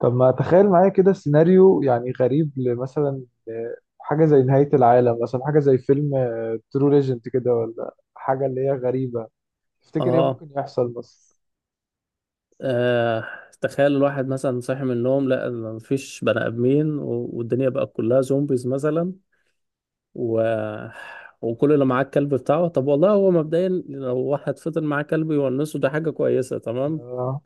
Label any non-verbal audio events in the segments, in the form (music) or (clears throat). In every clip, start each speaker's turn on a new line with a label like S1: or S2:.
S1: طب ما تخيل معايا كده سيناريو يعني غريب لمثلا حاجة زي نهاية العالم مثلا، حاجة زي فيلم ترو ليجنت كده ولا حاجة اللي هي غريبة. تفتكر ايه
S2: اه
S1: ممكن يحصل بس؟
S2: آه، تخيل الواحد مثلا صاحي من النوم، لا مفيش بني ادمين والدنيا بقى كلها زومبيز مثلا و... وكل اللي معاه الكلب بتاعه. طب والله هو مبدئيا لو واحد فضل معاه كلب يونسه ده حاجة كويسة. تمام.
S1: آه.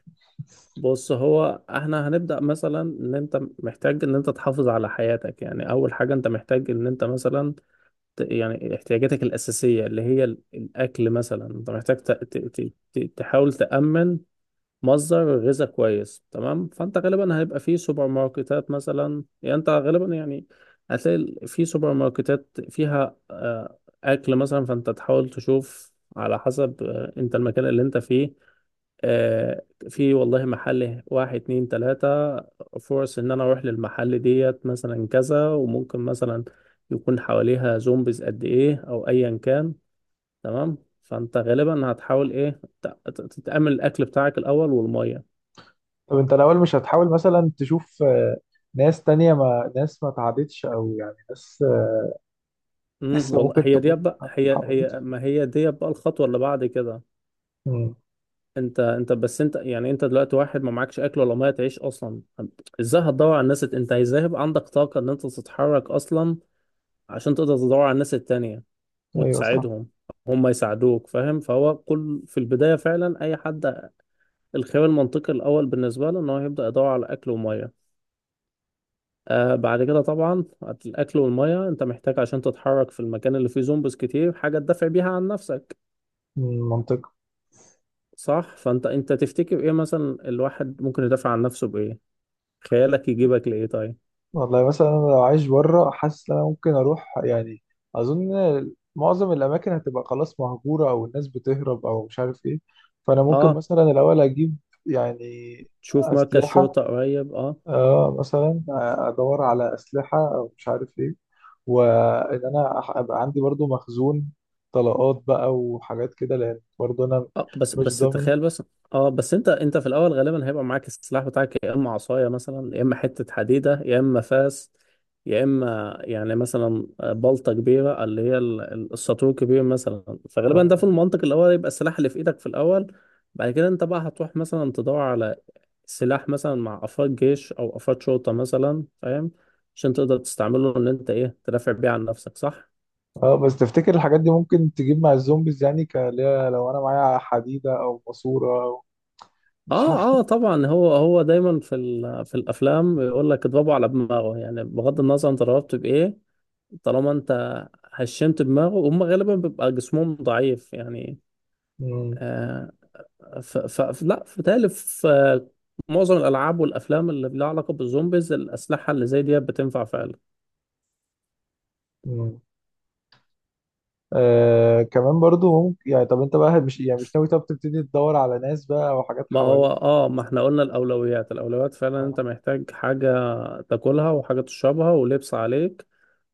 S2: بص، هو احنا هنبدأ مثلا ان انت محتاج ان انت تحافظ على حياتك. يعني اول حاجة انت محتاج ان انت مثلا يعني احتياجاتك الأساسية اللي هي الأكل مثلا. انت محتاج تحاول تأمن مصدر غذاء كويس. تمام. فانت غالبا هيبقى في سوبر ماركتات مثلا، يعني انت غالبا يعني هتلاقي في سوبر ماركتات فيها اكل مثلا. فانت تحاول تشوف على حسب انت المكان اللي انت فيه في والله محل واحد اتنين تلاتة فرص ان انا اروح للمحل ديت مثلا كذا، وممكن مثلا يكون حواليها زومبيز قد ايه او ايا كان. تمام. فانت غالبا هتحاول ايه تتأمن الاكل بتاعك الاول والمية.
S1: طب انت الأول مش هتحاول مثلا تشوف ناس تانية، ما ناس ما تعبتش، أو يعني ناس، لسه
S2: والله
S1: ممكن
S2: هي دي
S1: تكون
S2: بقى
S1: ما
S2: هي
S1: اتحولتش؟
S2: هي ما هي دي بقى الخطوه اللي بعد كده.
S1: مم.
S2: انت انت بس انت يعني انت دلوقتي واحد ما معكش اكل ولا ميه تعيش اصلا. طب ازاي هتدور على الناس انت ازاي هيبقى عندك طاقه ان انت تتحرك اصلا عشان تقدر تدور على الناس التانية
S1: أيوه صح.
S2: وتساعدهم، هم يساعدوك؟ فاهم. فهو كل في البدايه فعلا اي حد الخيار المنطقي الاول بالنسبه له ان هو يبدا يدور على اكل وميه. بعد كده طبعا الاكل والميه انت محتاج عشان تتحرك في المكان اللي فيه زومبيز كتير حاجه تدافع بيها عن نفسك.
S1: مم، منطقي.
S2: صح، فانت تفتكر ايه مثلا الواحد ممكن يدافع عن نفسه بايه؟ خيالك يجيبك لايه؟ طيب.
S1: والله مثلا انا لو عايش بره، حاسس ان انا ممكن اروح يعني. اظن معظم الاماكن هتبقى خلاص مهجوره، او الناس بتهرب او مش عارف ايه. فانا ممكن
S2: اه،
S1: مثلا الاول اجيب يعني
S2: تشوف مركز
S1: اسلحه.
S2: شرطة قريب. اه.
S1: اه مثلا، ادور على اسلحه او مش عارف ايه، وان انا ابقى عندي برضو مخزون طلقات بقى وحاجات كده، لان برضو انا
S2: اه، بس
S1: مش
S2: بس
S1: ضامن.
S2: تخيل بس. اه، بس انت في الاول غالبا هيبقى معاك السلاح بتاعك يا اما عصاية مثلا يا اما حتة حديدة يا اما فاس يا اما يعني مثلا بلطة كبيرة، اللي هي الساطور كبير مثلا. فغالبا ده في
S1: اه.
S2: المنطق الاول يبقى السلاح اللي في ايدك في الاول. بعد كده انت بقى هتروح مثلا تدور على سلاح مثلا مع افراد جيش او افراد شرطة مثلا، فاهم؟ عشان تقدر تستعمله ان انت ايه تدافع بيه عن نفسك، صح؟
S1: بس تفتكر الحاجات دي ممكن تجيب مع الزومبيز يعني، اللي هي لو انا معايا حديدة او ماسورة؟ مش عارف.
S2: اه، اه طبعا، هو دايما في في الافلام يقول لك اضربه على دماغه. يعني بغض النظر انت ضربت بايه طالما انت هشمت دماغه. هم غالبا بيبقى جسمهم ضعيف يعني.
S1: مم.
S2: آه ف لا، في تالي في معظم الالعاب والافلام اللي لها علاقة بالزومبيز الاسلحة اللي زي دي بتنفع فعلا.
S1: مم. آه كمان برضو ممكن يعني، طب انت بقى مش يعني مش ناوي طب تبتدي تدور على ناس بقى او حاجات
S2: ما هو
S1: حواليك؟
S2: ما احنا قلنا الاولويات، الاولويات فعلا
S1: آه.
S2: انت محتاج حاجه تاكلها وحاجه تشربها ولبس عليك.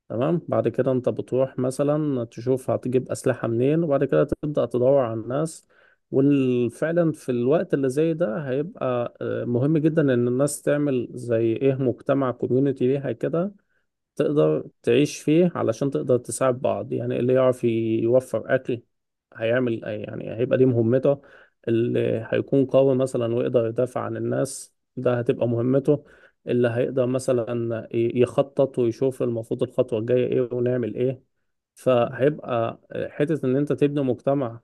S2: تمام. بعد كده انت بتروح مثلا تشوف هتجيب اسلحه منين، وبعد كده تبدا تدور على الناس. وفعلا في الوقت اللي زي ده هيبقى مهم جدا ان الناس تعمل زي ايه مجتمع كوميونتي ليها كده تقدر تعيش فيه علشان تقدر تساعد بعض. يعني اللي يعرف يوفر أكل هيعمل يعني هيبقى دي مهمته. اللي هيكون قوي مثلا ويقدر يدافع عن الناس ده هتبقى مهمته. اللي هيقدر مثلا يخطط ويشوف المفروض الخطوة الجاية ايه ونعمل ايه. فهيبقى حتة ان انت تبني مجتمع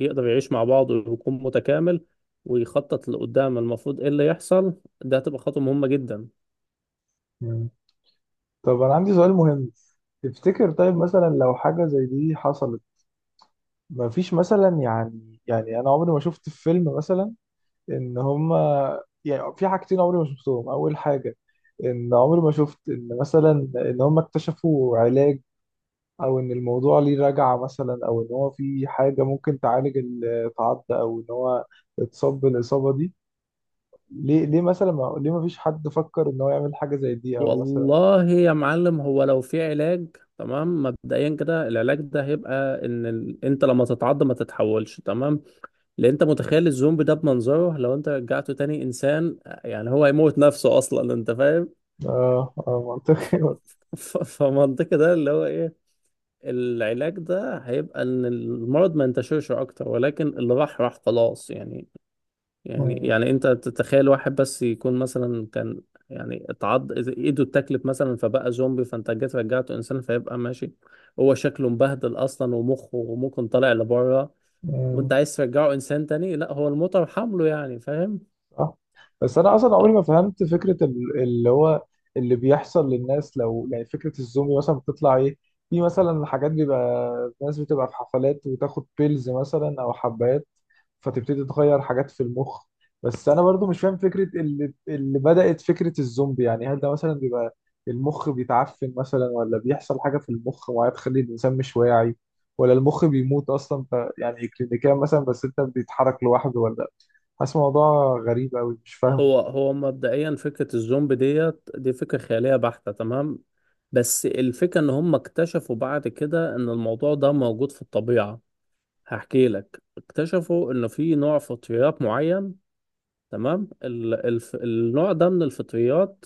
S2: يقدر يعيش مع بعضه ويكون متكامل ويخطط لقدام المفروض ايه اللي يحصل. ده هتبقى خطوة مهمة جدا.
S1: مم. طب انا عندي سؤال مهم. تفتكر طيب مثلا لو حاجة زي دي حصلت، مفيش مثلا يعني يعني انا عمري ما شفت في فيلم مثلا ان هما، يعني في حاجتين عمري ما شفتهم. اول حاجة ان عمري ما شفت ان مثلا ان هما اكتشفوا علاج، او ان الموضوع ليه رجعة مثلا، او ان هو في حاجة ممكن تعالج التعض، او ان هو اتصاب بالاصابة دي. ليه ليه مثلا ما ليه ما فيش حد فكر ان هو يعمل حاجة زي دي او مثلا؟
S2: والله يا معلم، هو لو في علاج، تمام، مبدئيا كده العلاج ده هيبقى ان انت لما تتعض ما تتحولش. تمام. لان انت متخيل الزومبي ده بمنظره لو انت رجعته تاني انسان، يعني هو هيموت نفسه اصلا، انت فاهم.
S1: اه اه
S2: ف...
S1: منطقي.
S2: فمنطقي ده اللي هو ايه، العلاج ده هيبقى ان المرض ما ينتشرش اكتر، ولكن اللي راح راح خلاص يعني. يعني انت تتخيل واحد بس يكون مثلا كان يعني اتعض ايده اتاكلت مثلا فبقى زومبي، فانت جيت رجعته انسان فيبقى ماشي. هو شكله مبهدل اصلا ومخه ممكن طالع لبره وانت
S1: (laughs)
S2: عايز ترجعه انسان تاني، لا هو المطر حمله يعني، فاهم.
S1: صح. بس انا اصلا
S2: اه،
S1: عمري ما فهمت فكره اللي هو اللي بيحصل للناس، لو يعني فكره الزومبي مثلا بتطلع ايه. في مثلا حاجات بيبقى ناس بتبقى في حفلات وتاخد بيلز مثلا او حبات، فتبتدي تغير حاجات في المخ. بس انا برضو مش فاهم فكره اللي بدات فكره الزومبي. يعني هل ده مثلا بيبقى المخ بيتعفن مثلا، ولا بيحصل حاجه في المخ معينه تخلي الانسان مش واعي، ولا المخ بيموت اصلا يعني كلينيكيا مثلا، بس انت بتتحرك لوحده، ولا؟ حاسس الموضوع غريب أوي مش فاهمه.
S2: هو مبدئيا فكرة الزومبي ديت دي فكرة خيالية بحتة. تمام. بس الفكرة ان هم اكتشفوا بعد كده ان الموضوع ده موجود في الطبيعة. هحكي لك، اكتشفوا ان في نوع فطريات معين. تمام. النوع ده من الفطريات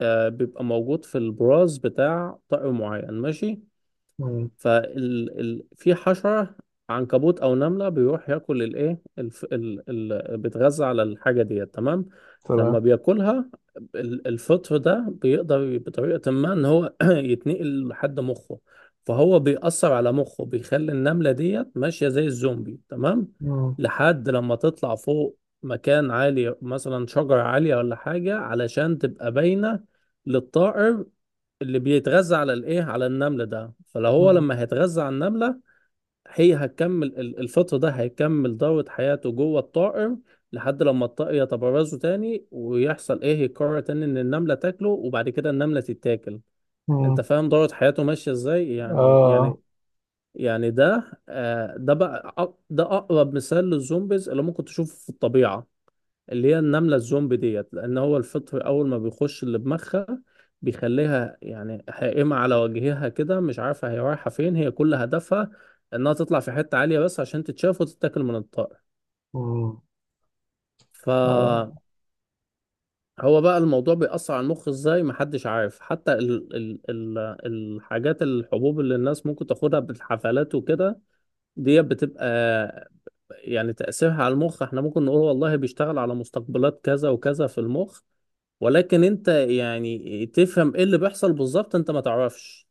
S2: بيبقى موجود في البراز بتاع طائر معين، ماشي.
S1: مم.
S2: في حشرة عنكبوت أو نملة بيروح ياكل الإيه بيتغذى على الحاجة ديت. تمام. لما
S1: تمام.
S2: بياكلها الفطر ده بيقدر بطريقة ما إن هو (clears throat) يتنقل لحد مخه. فهو بيأثر على مخه، بيخلي النملة ديت ماشية زي الزومبي. تمام.
S1: مم.
S2: لحد لما تطلع فوق مكان عالي مثلا شجرة عالية ولا حاجة علشان تبقى باينة للطائر اللي بيتغذى على الايه على النمل ده. فلو هو
S1: مم.
S2: لما هيتغذى على النملة هي هتكمل الفطر ده هيكمل دورة حياته جوه الطائر لحد لما الطائر يتبرزه تاني ويحصل ايه يقرر تاني ان النملة تاكله، وبعد كده النملة تتاكل. انت
S1: مم.
S2: فاهم دورة حياته ماشية ازاي، يعني يعني
S1: آه.
S2: يعني ده آه ده بقى ده اقرب مثال للزومبيز اللي ممكن تشوفه في الطبيعة، اللي هي النملة الزومبي ديت. لأن هو الفطر أول ما بيخش اللي بمخها بيخليها يعني حائمة على وجهها كده مش عارفة هي رايحة فين. هي كل هدفها إنها تطلع في حتة عالية بس عشان تتشاف وتتاكل من الطائر.
S1: مم.
S2: فهو
S1: آه.
S2: بقى الموضوع بيأثر على المخ إزاي محدش عارف. حتى ال ال ال الحاجات الحبوب اللي الناس ممكن تاخدها بالحفلات وكده دي بتبقى يعني تأثيرها على المخ احنا ممكن نقول والله بيشتغل على مستقبلات كذا وكذا في المخ. ولكن انت يعني تفهم ايه اللي بيحصل بالظبط انت ما تعرفش.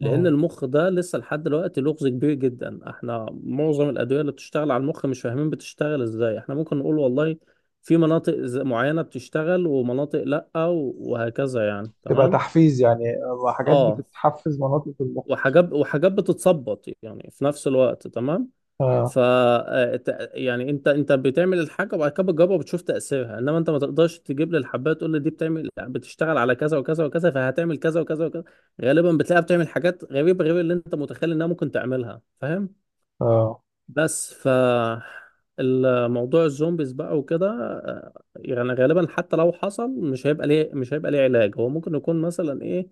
S2: لان
S1: مم.
S2: المخ ده لسه لحد دلوقتي لغز كبير جدا. احنا معظم الادويه اللي بتشتغل على المخ مش فاهمين بتشتغل ازاي. احنا ممكن نقول والله في مناطق معينه بتشتغل ومناطق لا وهكذا يعني.
S1: تبقى
S2: تمام.
S1: تحفيز يعني، حاجات
S2: اه،
S1: بتتحفز مناطق المخ مش عارف.
S2: وحاجات بتتظبط يعني في نفس الوقت. تمام.
S1: آه.
S2: ف يعني انت بتعمل الحاجه وبعد كده بتجربها وبتشوف تاثيرها، انما انت ما تقدرش تجيب لي الحبايه تقول لي دي بتعمل بتشتغل على كذا وكذا وكذا فهتعمل كذا وكذا وكذا. غالبا بتلاقيها بتعمل حاجات غريبه غير اللي انت متخيل انها ممكن تعملها، فاهم.
S1: آه.
S2: بس ف الموضوع الزومبيز بقى وكده يعني غالبا حتى لو حصل مش هيبقى ليه، مش هيبقى ليه علاج. هو ممكن يكون مثلا ايه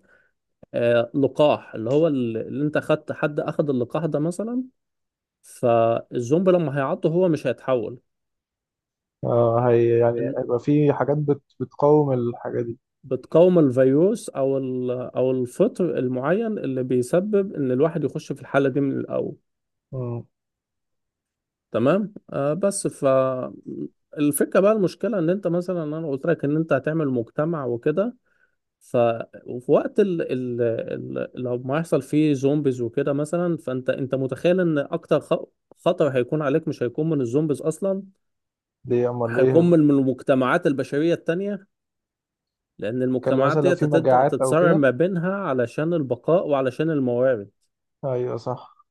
S2: آه لقاح اللي هو اللي انت خدت، حد اخد اللقاح ده مثلا فالزومبي لما هيعضه هو مش هيتحول.
S1: آه هي يعني
S2: إن-
S1: هيبقى في حاجات بتقاوم الحاجة دي.
S2: بتقاوم الفيروس او او الفطر المعين اللي بيسبب ان الواحد يخش في الحاله دي من الاول.
S1: مم.
S2: تمام. آه بس ف الفكره بقى، المشكله ان انت مثلا انا قلت لك ان انت هتعمل مجتمع وكده، ف وفي وقت لو ما يحصل فيه زومبيز وكده مثلا فانت متخيل ان اكتر خطر هيكون عليك مش هيكون من الزومبيز اصلا.
S1: دي أمال
S2: هيكون
S1: إيه؟
S2: من المجتمعات البشريه التانيه. لأن
S1: اتكلم مثلا
S2: المجتمعات
S1: لو
S2: دي
S1: في
S2: تبدأ
S1: مجاعات أو
S2: تتصارع
S1: كده؟
S2: ما بينها علشان البقاء وعلشان الموارد.
S1: أيوه صح.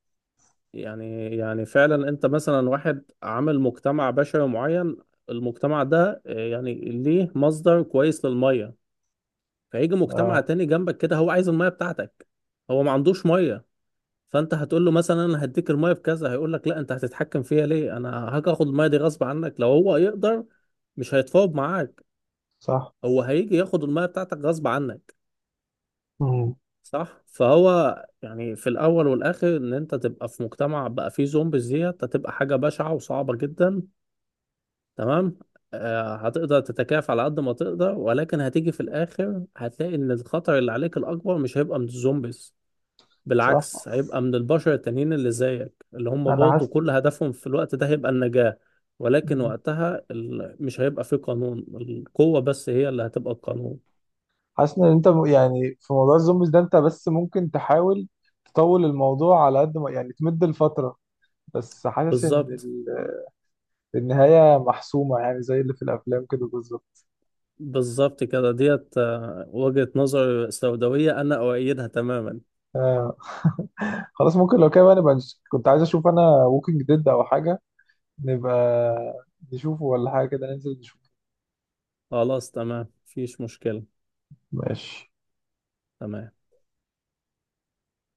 S2: يعني فعلا أنت مثلا واحد عامل مجتمع بشري معين، المجتمع ده يعني ليه مصدر كويس للمية. فيجي مجتمع
S1: آه.
S2: تاني جنبك كده هو عايز المية بتاعتك. هو ما عندوش مية. فأنت هتقول له مثلا أنا هديك المية بكذا، هيقول لك لا أنت هتتحكم فيها ليه، أنا هاجي آخد المية دي غصب عنك لو هو يقدر. مش هيتفاوض معاك.
S1: صح.
S2: هو هيجي ياخد المية بتاعتك غصب عنك.
S1: مم.
S2: صح، فهو يعني في الاول والاخر ان انت تبقى في مجتمع بقى فيه زومبيز ديت هتبقى حاجه بشعه وصعبه جدا. تمام. آه هتقدر تتكافى على قد ما تقدر، ولكن هتيجي في الاخر هتلاقي ان الخطر اللي عليك الاكبر مش هيبقى من الزومبيز.
S1: صح.
S2: بالعكس هيبقى من البشر التانيين اللي زيك اللي هم
S1: أنا
S2: برضه كل هدفهم في الوقت ده هيبقى النجاه. ولكن
S1: حاسس،
S2: وقتها مش هيبقى فيه قانون. القوه بس هي اللي هتبقى القانون.
S1: حاسس ان انت يعني في موضوع الزومبيز ده انت بس ممكن تحاول تطول الموضوع على قد ما يعني، تمد الفترة. بس حاسس ان
S2: بالظبط.
S1: النهاية محسومة، يعني زي اللي في الافلام كده بالظبط.
S2: بالظبط كده ديت، وجهة نظر سوداوية أنا أؤيدها تماما.
S1: آه. (laughs) خلاص ممكن لو كده بقى نبقى كنت عايز اشوف انا ووكينج ديد او حاجة، نبقى نشوفه ولا حاجة كده، ننزل نشوفه.
S2: خلاص، تمام مفيش مشكلة.
S1: ماشي.
S2: تمام.